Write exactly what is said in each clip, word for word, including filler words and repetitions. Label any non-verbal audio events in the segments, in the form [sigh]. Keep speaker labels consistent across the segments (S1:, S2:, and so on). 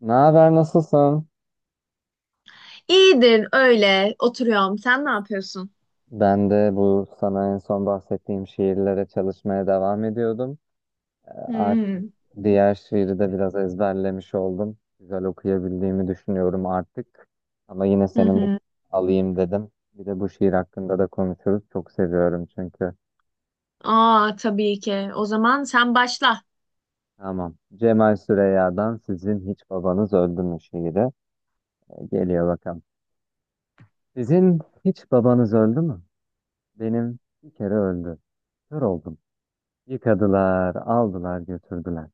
S1: Ne haber, nasılsın?
S2: İyidir, öyle oturuyorum. Sen ne yapıyorsun?
S1: Ben de bu sana en son bahsettiğim şiirlere çalışmaya devam ediyordum. Ee, Artık
S2: Hmm.
S1: diğer şiiri de biraz ezberlemiş oldum. Güzel okuyabildiğimi düşünüyorum artık. Ama yine
S2: Hı
S1: senin de
S2: hı.
S1: alayım dedim. Bir de bu şiir hakkında da konuşuruz. Çok seviyorum çünkü.
S2: Aa, tabii ki. O zaman sen başla.
S1: Tamam. Cemal Süreyya'dan Sizin Hiç Babanız Öldü mü şiiri. Ee, Geliyor bakalım. Sizin hiç babanız öldü mü? Benim bir kere öldü. Kör oldum. Yıkadılar, aldılar, götürdüler.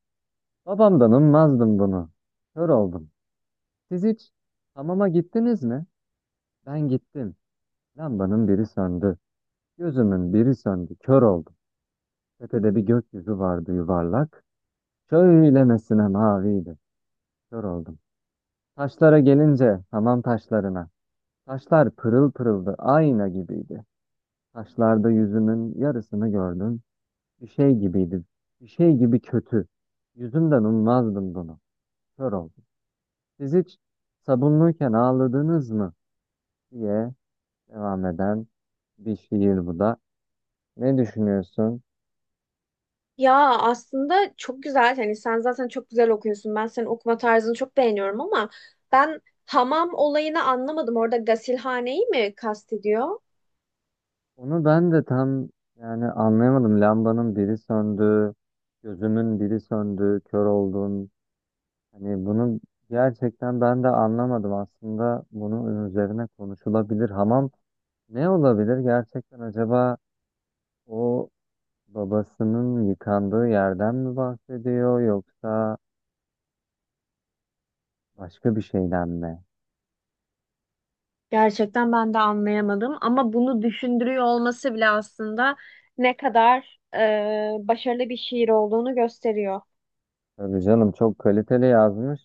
S1: Babamdan ummazdım bunu. Kör oldum. Siz hiç hamama gittiniz mi? Ben gittim. Lambanın biri söndü. Gözümün biri söndü. Kör oldum. Tepede bir gökyüzü vardı yuvarlak. Şöylemesine maviydi. Kör oldum. Taşlara gelince hamam taşlarına. Taşlar pırıl pırıldı. Ayna gibiydi. Taşlarda yüzümün yarısını gördüm. Bir şey gibiydi. Bir şey gibi kötü. Yüzümden ummazdım bunu. Kör oldum. Siz hiç sabunluyken ağladınız mı diye devam eden bir şiir bu da. Ne düşünüyorsun?
S2: Ya aslında çok güzel. Hani sen zaten çok güzel okuyorsun. Ben senin okuma tarzını çok beğeniyorum ama ben hamam olayını anlamadım. Orada gasilhaneyi mi kastediyor?
S1: Onu ben de tam yani anlayamadım. Lambanın biri söndü, gözümün biri söndü, kör oldum. Hani bunu gerçekten ben de anlamadım. Aslında bunun üzerine konuşulabilir. Hamam ne olabilir? Gerçekten acaba o babasının yıkandığı yerden mi bahsediyor yoksa başka bir şeyden mi?
S2: Gerçekten ben de anlayamadım ama bunu düşündürüyor olması bile aslında ne kadar e, başarılı bir şiir olduğunu gösteriyor.
S1: Tabii canım çok kaliteli yazmış.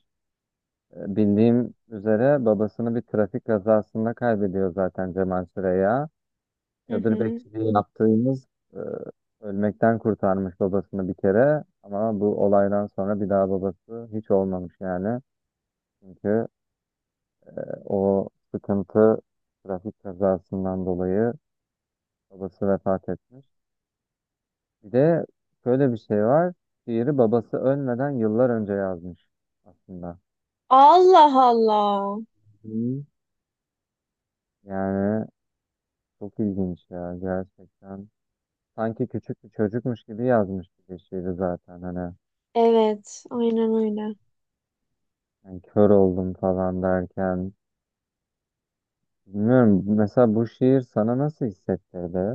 S1: E, Bildiğim üzere babasını bir trafik kazasında kaybediyor zaten Cemal Süreya.
S2: Hı
S1: Çadır
S2: hı.
S1: bekçiliği yaptığımız e, ölmekten kurtarmış babasını bir kere ama bu olaydan sonra bir daha babası hiç olmamış yani. Çünkü e, o sıkıntı trafik kazasından dolayı babası vefat etmiş. Bir de şöyle bir şey var. Şiiri babası ölmeden yıllar önce yazmış aslında.
S2: Allah Allah.
S1: Hı. Yani çok ilginç ya gerçekten. Sanki küçük bir çocukmuş gibi yazmış bir şiiri zaten hani.
S2: Evet, aynen öyle.
S1: Yani kör oldum falan derken. Bilmiyorum, mesela bu şiir sana nasıl hissettirdi?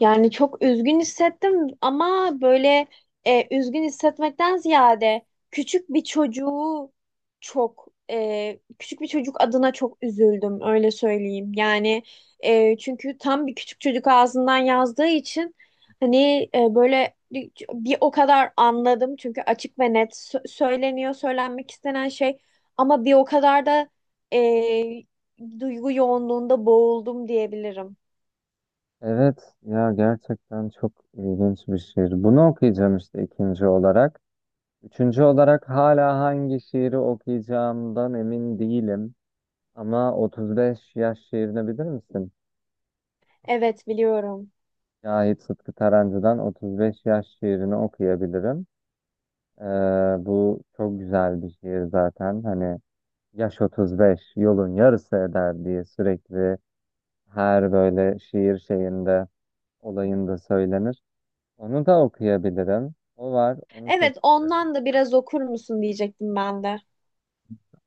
S2: Yani çok üzgün hissettim ama böyle e, üzgün hissetmekten ziyade küçük bir çocuğu çok e, küçük bir çocuk adına çok üzüldüm, öyle söyleyeyim. Yani e, çünkü tam bir küçük çocuk ağzından yazdığı için hani e, böyle bir bir o kadar anladım çünkü açık ve net sö- söyleniyor söylenmek istenen şey, ama bir o kadar da e, duygu yoğunluğunda boğuldum diyebilirim.
S1: Evet ya, gerçekten çok ilginç bir şiir. Bunu okuyacağım işte ikinci olarak. Üçüncü olarak hala hangi şiiri okuyacağımdan emin değilim. Ama otuz beş yaş şiirini bilir misin?
S2: Evet, biliyorum.
S1: Şahit Sıtkı Tarancı'dan otuz beş yaş şiirini okuyabilirim. Ee, bu çok güzel bir şiir zaten. Hani yaş otuz beş yolun yarısı eder diye sürekli her böyle şiir şeyinde olayında söylenir. Onu da okuyabilirim. O var. Onu çok
S2: Evet,
S1: severim.
S2: ondan da biraz okur musun diyecektim ben de.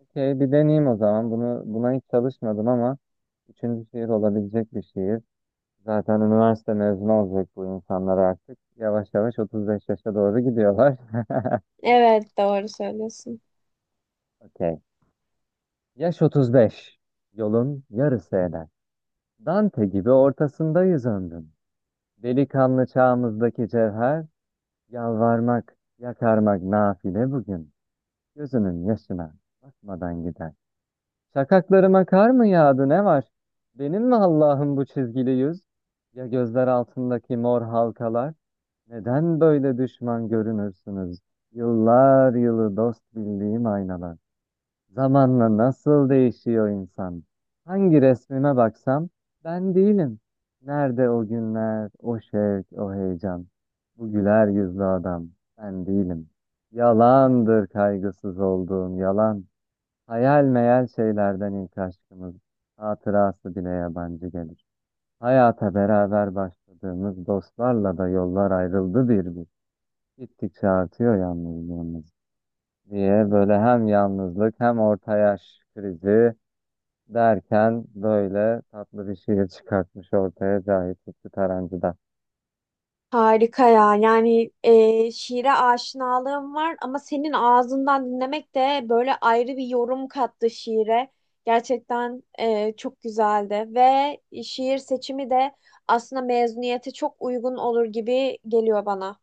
S1: Okey, bir deneyeyim o zaman. Bunu, buna hiç çalışmadım ama üçüncü şiir olabilecek bir şiir. Zaten üniversite mezunu olacak bu insanlar artık. Yavaş yavaş otuz beş yaşa doğru gidiyorlar.
S2: Evet, doğru söylüyorsun.
S1: [laughs] Okey. Yaş otuz beş yolun yarısı eder. Dante gibi ortasında yüzündüm. Delikanlı çağımızdaki cevher, yalvarmak, yakarmak nafile bugün. Gözünün yaşına bakmadan gider. Şakaklarıma kar mı yağdı ne var? Benim mi Allah'ım bu çizgili yüz? Ya gözler altındaki mor halkalar? Neden böyle düşman görünürsünüz? Yıllar yılı dost bildiğim aynalar. Zamanla nasıl değişiyor insan? Hangi resmime baksam ben değilim. Nerede o günler, o şevk, o heyecan? Bu güler yüzlü adam ben değilim. Yalandır kaygısız olduğum yalan. Hayal meyal şeylerden ilk aşkımız. Hatırası bile yabancı gelir. Hayata beraber başladığımız dostlarla da yollar ayrıldı bir bir. Gittikçe artıyor yalnızlığımız diye böyle hem yalnızlık hem orta yaş krizi derken böyle tatlı bir şiir çıkartmış ortaya Cahit Lütfü Tarancı'da.
S2: Harika ya, yani e, şiire aşinalığım var ama senin ağzından dinlemek de böyle ayrı bir yorum kattı şiire. Gerçekten e, çok güzeldi ve şiir seçimi de aslında mezuniyete çok uygun olur gibi geliyor bana.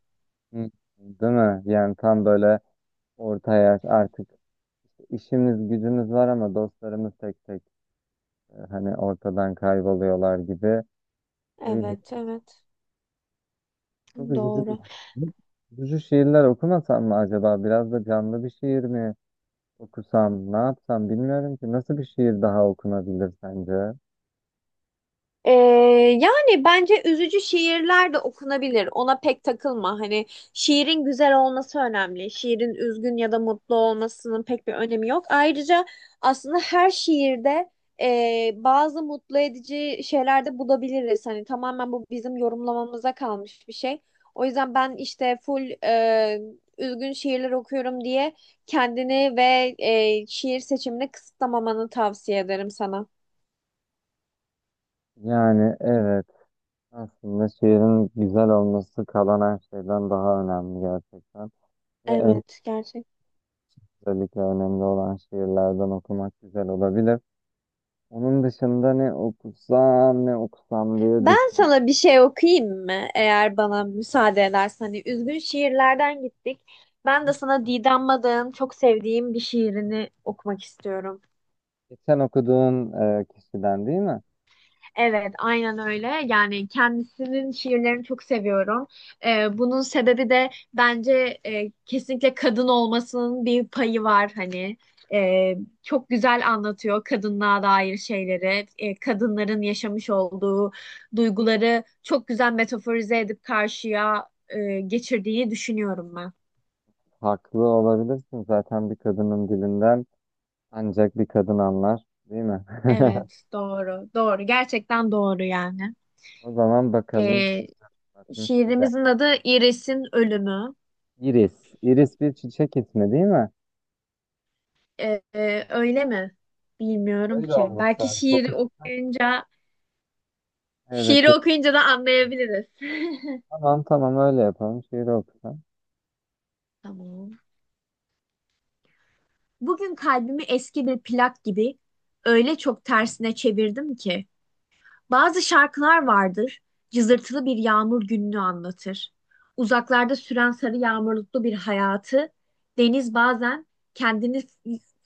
S1: Hı. Değil mi? Yani tam böyle orta yaş artık, işimiz gücümüz var ama dostlarımız tek tek e, hani ortadan kayboluyorlar gibi. Öyle.
S2: Evet, evet,
S1: Çok üzücü. Bir-
S2: doğru.
S1: Hı? Üzücü şiirler okumasam mı acaba? Biraz da canlı bir şiir mi okusam? Ne yapsam bilmiyorum ki. Nasıl bir şiir daha okunabilir sence?
S2: Ee, Yani bence üzücü şiirler de okunabilir. Ona pek takılma. Hani şiirin güzel olması önemli. Şiirin üzgün ya da mutlu olmasının pek bir önemi yok. Ayrıca aslında her şiirde e, bazı mutlu edici şeyler de bulabiliriz. Hani tamamen bu bizim yorumlamamıza kalmış bir şey. O yüzden ben işte full e, üzgün şiirler okuyorum diye kendini ve e, şiir seçimini kısıtlamamanı tavsiye ederim sana.
S1: Yani evet. Aslında şiirin güzel olması kalan her şeyden daha önemli gerçekten. Ve ön-
S2: Evet, gerçekten.
S1: özellikle önemli olan şiirlerden okumak güzel olabilir. Onun dışında ne okusam ne okusam diye
S2: Ben sana
S1: düşünüyorum.
S2: bir şey okuyayım mı? Eğer bana müsaade edersen. Hani üzgün şiirlerden gittik. Ben de sana Didem Madak'ın çok sevdiğim bir şiirini okumak istiyorum.
S1: Geçen okuduğun e, kişiden değil mi?
S2: Evet, aynen öyle. Yani kendisinin şiirlerini çok seviyorum. Ee, bunun sebebi de bence e, kesinlikle kadın olmasının bir payı var hani. Ee, Çok güzel anlatıyor kadınlığa dair şeyleri. Ee, kadınların yaşamış olduğu duyguları çok güzel metaforize edip karşıya e, geçirdiği düşünüyorum ben.
S1: Haklı olabilirsin, zaten bir kadının dilinden ancak bir kadın anlar değil mi? [laughs]
S2: Evet, doğru, doğru. Gerçekten doğru yani.
S1: O zaman bakalım.
S2: Ee,
S1: Bakmış bize.
S2: Şiirimizin adı İris'in Ölümü.
S1: Iris. Iris bir çiçek ismi değil mi?
S2: Ee, öyle mi? Bilmiyorum
S1: Öyle
S2: ki.
S1: olması
S2: Belki
S1: lazım.
S2: şiiri
S1: Kokusu
S2: okuyunca,
S1: Evet.
S2: şiiri okuyunca da anlayabiliriz. [laughs]
S1: Tamam tamam, öyle yapalım. Şiiri okusan.
S2: Tamam. Bugün kalbimi eski bir plak gibi öyle çok tersine çevirdim ki bazı şarkılar vardır, cızırtılı bir yağmur gününü anlatır. Uzaklarda süren sarı yağmurluklu bir hayatı deniz bazen kendini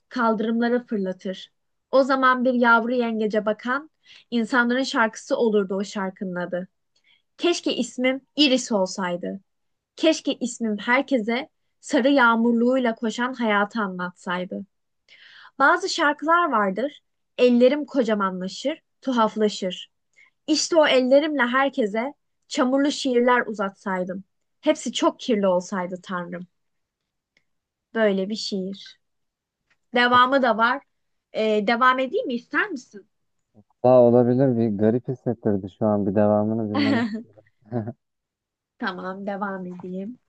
S2: kaldırımlara fırlatır. O zaman bir yavru yengece bakan insanların şarkısı olurdu o şarkının adı. Keşke ismim Iris olsaydı. Keşke ismim herkese sarı yağmurluğuyla koşan hayatı anlatsaydı. Bazı şarkılar vardır. Ellerim kocamanlaşır, tuhaflaşır. İşte o ellerimle herkese çamurlu şiirler uzatsaydım. Hepsi çok kirli olsaydı Tanrım. Böyle bir şiir. Devamı da var. Ee, devam edeyim mi? İster misin?
S1: Daha olabilir, bir garip hissettirdi şu an bir devamını dinlemek.
S2: [laughs] Tamam, devam edeyim.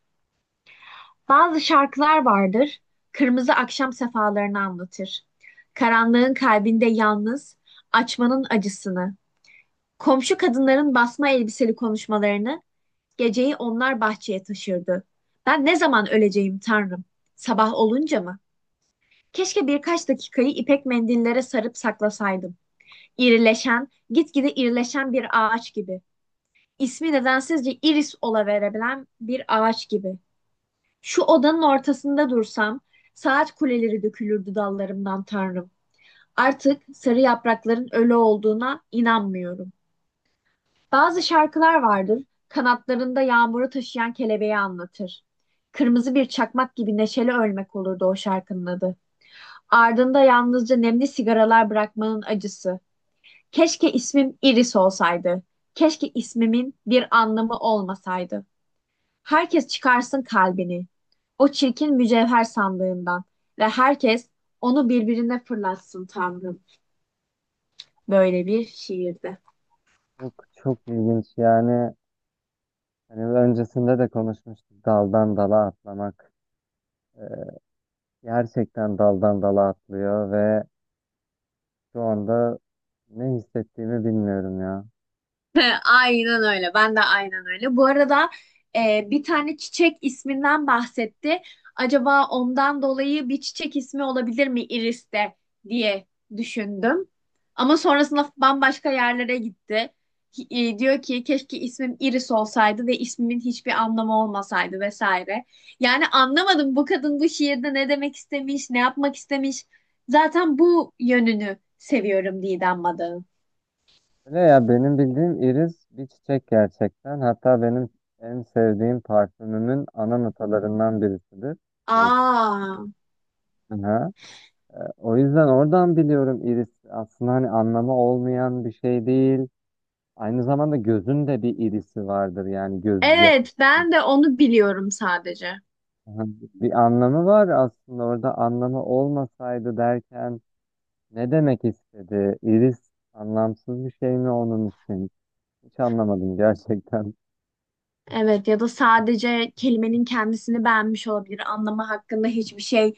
S2: Bazı şarkılar vardır. Kırmızı akşam sefalarını anlatır. Karanlığın kalbinde yalnız, açmanın acısını, komşu kadınların basma elbiseli konuşmalarını, geceyi onlar bahçeye taşırdı. Ben ne zaman öleceğim Tanrım? Sabah olunca mı? Keşke birkaç dakikayı ipek mendillere sarıp saklasaydım. İrileşen, gitgide irileşen bir ağaç gibi. İsmi nedensizce iris olaverebilen bir ağaç gibi. Şu odanın ortasında dursam, saat kuleleri dökülürdü dallarımdan Tanrım. Artık sarı yaprakların ölü olduğuna inanmıyorum. Bazı şarkılar vardır, kanatlarında yağmuru taşıyan kelebeği anlatır. Kırmızı bir çakmak gibi neşeli ölmek olurdu o şarkının adı. Ardında yalnızca nemli sigaralar bırakmanın acısı. Keşke ismim Iris olsaydı. Keşke ismimin bir anlamı olmasaydı. Herkes çıkarsın kalbini, o çirkin mücevher sandığından ve herkes onu birbirine fırlatsın Tanrım. Böyle bir şiirde.
S1: Çok çok ilginç yani. Hani öncesinde de konuşmuştuk daldan dala atlamak. Ee, gerçekten daldan dala atlıyor ve şu anda ne hissettiğimi bilmiyorum ya.
S2: [laughs] Aynen öyle. Ben de aynen öyle. Bu arada e, bir tane çiçek isminden bahsetti. Acaba ondan dolayı bir çiçek ismi olabilir mi Iris'te diye düşündüm. Ama sonrasında bambaşka yerlere gitti. Hi- e, diyor ki keşke ismim Iris olsaydı ve ismimin hiçbir anlamı olmasaydı vesaire. Yani anlamadım bu kadın bu şiirde ne demek istemiş, ne yapmak istemiş. Zaten bu yönünü seviyorum Didem Madak'ın.
S1: Öyle ya, benim bildiğim iris bir çiçek gerçekten. Hatta benim en sevdiğim parfümümün ana notalarından birisidir. İris.
S2: Aa.
S1: Aha. O yüzden oradan biliyorum, iris aslında hani anlamı olmayan bir şey değil. Aynı zamanda gözün de bir irisi vardır yani, göz
S2: Evet,
S1: yapısı.
S2: ben de onu biliyorum sadece.
S1: Aha, bir anlamı var aslında. Orada anlamı olmasaydı derken ne demek istedi? İris anlamsız bir şey mi onun için? Hiç anlamadım gerçekten.
S2: Evet, ya da sadece kelimenin kendisini beğenmiş olabilir. Anlamı hakkında hiçbir şey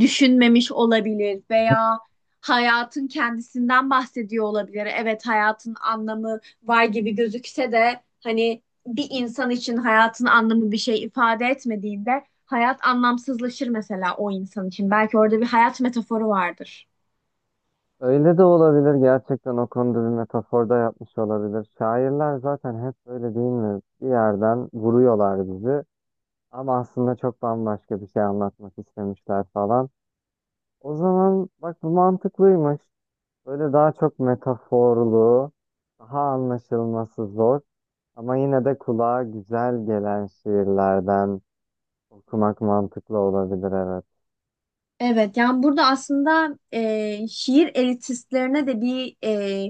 S2: düşünmemiş olabilir veya hayatın kendisinden bahsediyor olabilir. Evet, hayatın anlamı var gibi gözükse de hani bir insan için hayatın anlamı bir şey ifade etmediğinde hayat anlamsızlaşır mesela o insan için. Belki orada bir hayat metaforu vardır.
S1: Öyle de olabilir, gerçekten o konuda bir metaforda yapmış olabilir. Şairler zaten hep böyle değil mi? Bir yerden vuruyorlar bizi. Ama aslında çok bambaşka bir şey anlatmak istemişler falan. O zaman bak, bu mantıklıymış. Böyle daha çok metaforlu, daha anlaşılması zor ama yine de kulağa güzel gelen şiirlerden okumak mantıklı olabilir, evet.
S2: Evet, yani burada aslında e, şiir elitistlerine de bir e,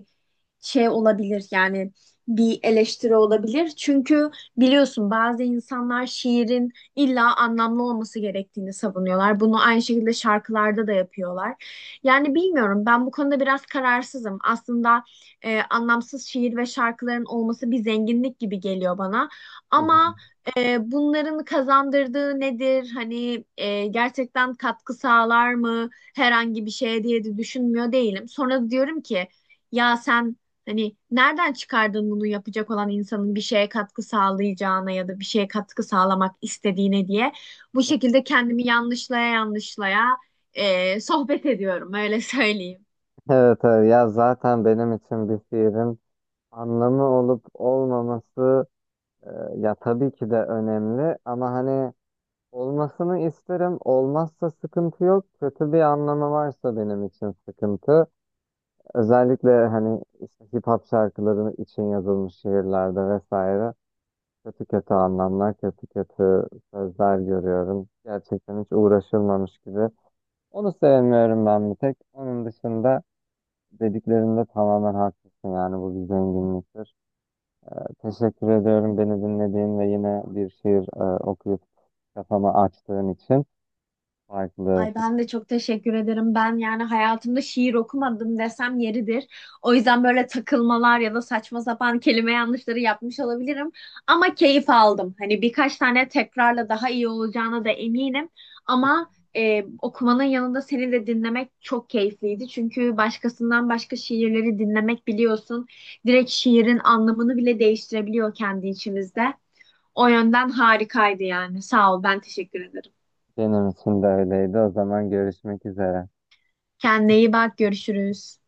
S2: şey olabilir, yani bir eleştiri olabilir. Çünkü biliyorsun bazı insanlar şiirin illa anlamlı olması gerektiğini savunuyorlar. Bunu aynı şekilde şarkılarda da yapıyorlar. Yani bilmiyorum, ben bu konuda biraz kararsızım. Aslında e, anlamsız şiir ve şarkıların olması bir zenginlik gibi geliyor bana.
S1: Hı hı.
S2: Ama e, bunların kazandırdığı nedir? Hani e, gerçekten katkı sağlar mı herhangi bir şeye diye de düşünmüyor değilim. Sonra da diyorum ki ya sen hani nereden çıkardın bunu yapacak olan insanın bir şeye katkı sağlayacağına ya da bir şeye katkı sağlamak istediğine diye, bu şekilde kendimi yanlışlaya yanlışlaya e, sohbet ediyorum, öyle söyleyeyim.
S1: Evet, evet ya, zaten benim için bir şiirin anlamı olup olmaması e, ya tabii ki de önemli ama hani olmasını isterim. Olmazsa sıkıntı yok. Kötü bir anlamı varsa benim için sıkıntı. Özellikle hani işte hip hop şarkıları için yazılmış şiirlerde vesaire kötü kötü anlamlar, kötü kötü sözler görüyorum. Gerçekten hiç uğraşılmamış gibi. Onu sevmiyorum ben bir tek. Onun dışında dediklerinde tamamen haklısın, yani bu bir zenginliktir. Teşekkür ediyorum beni dinlediğin ve yine bir şiir e, okuyup kafamı açtığın için. Farklı
S2: Ay, ben de çok teşekkür ederim. Ben yani hayatımda şiir okumadım desem yeridir. O yüzden böyle takılmalar ya da saçma sapan kelime yanlışları yapmış olabilirim. Ama keyif aldım. Hani birkaç tane tekrarla daha iyi olacağına da eminim. Ama e, okumanın yanında seni de dinlemek çok keyifliydi. Çünkü başkasından başka şiirleri dinlemek, biliyorsun, direkt şiirin anlamını bile değiştirebiliyor kendi içimizde. O yönden harikaydı yani. Sağ ol, ben teşekkür ederim.
S1: benim için de öyleydi. O zaman görüşmek üzere.
S2: Kendine iyi bak, görüşürüz.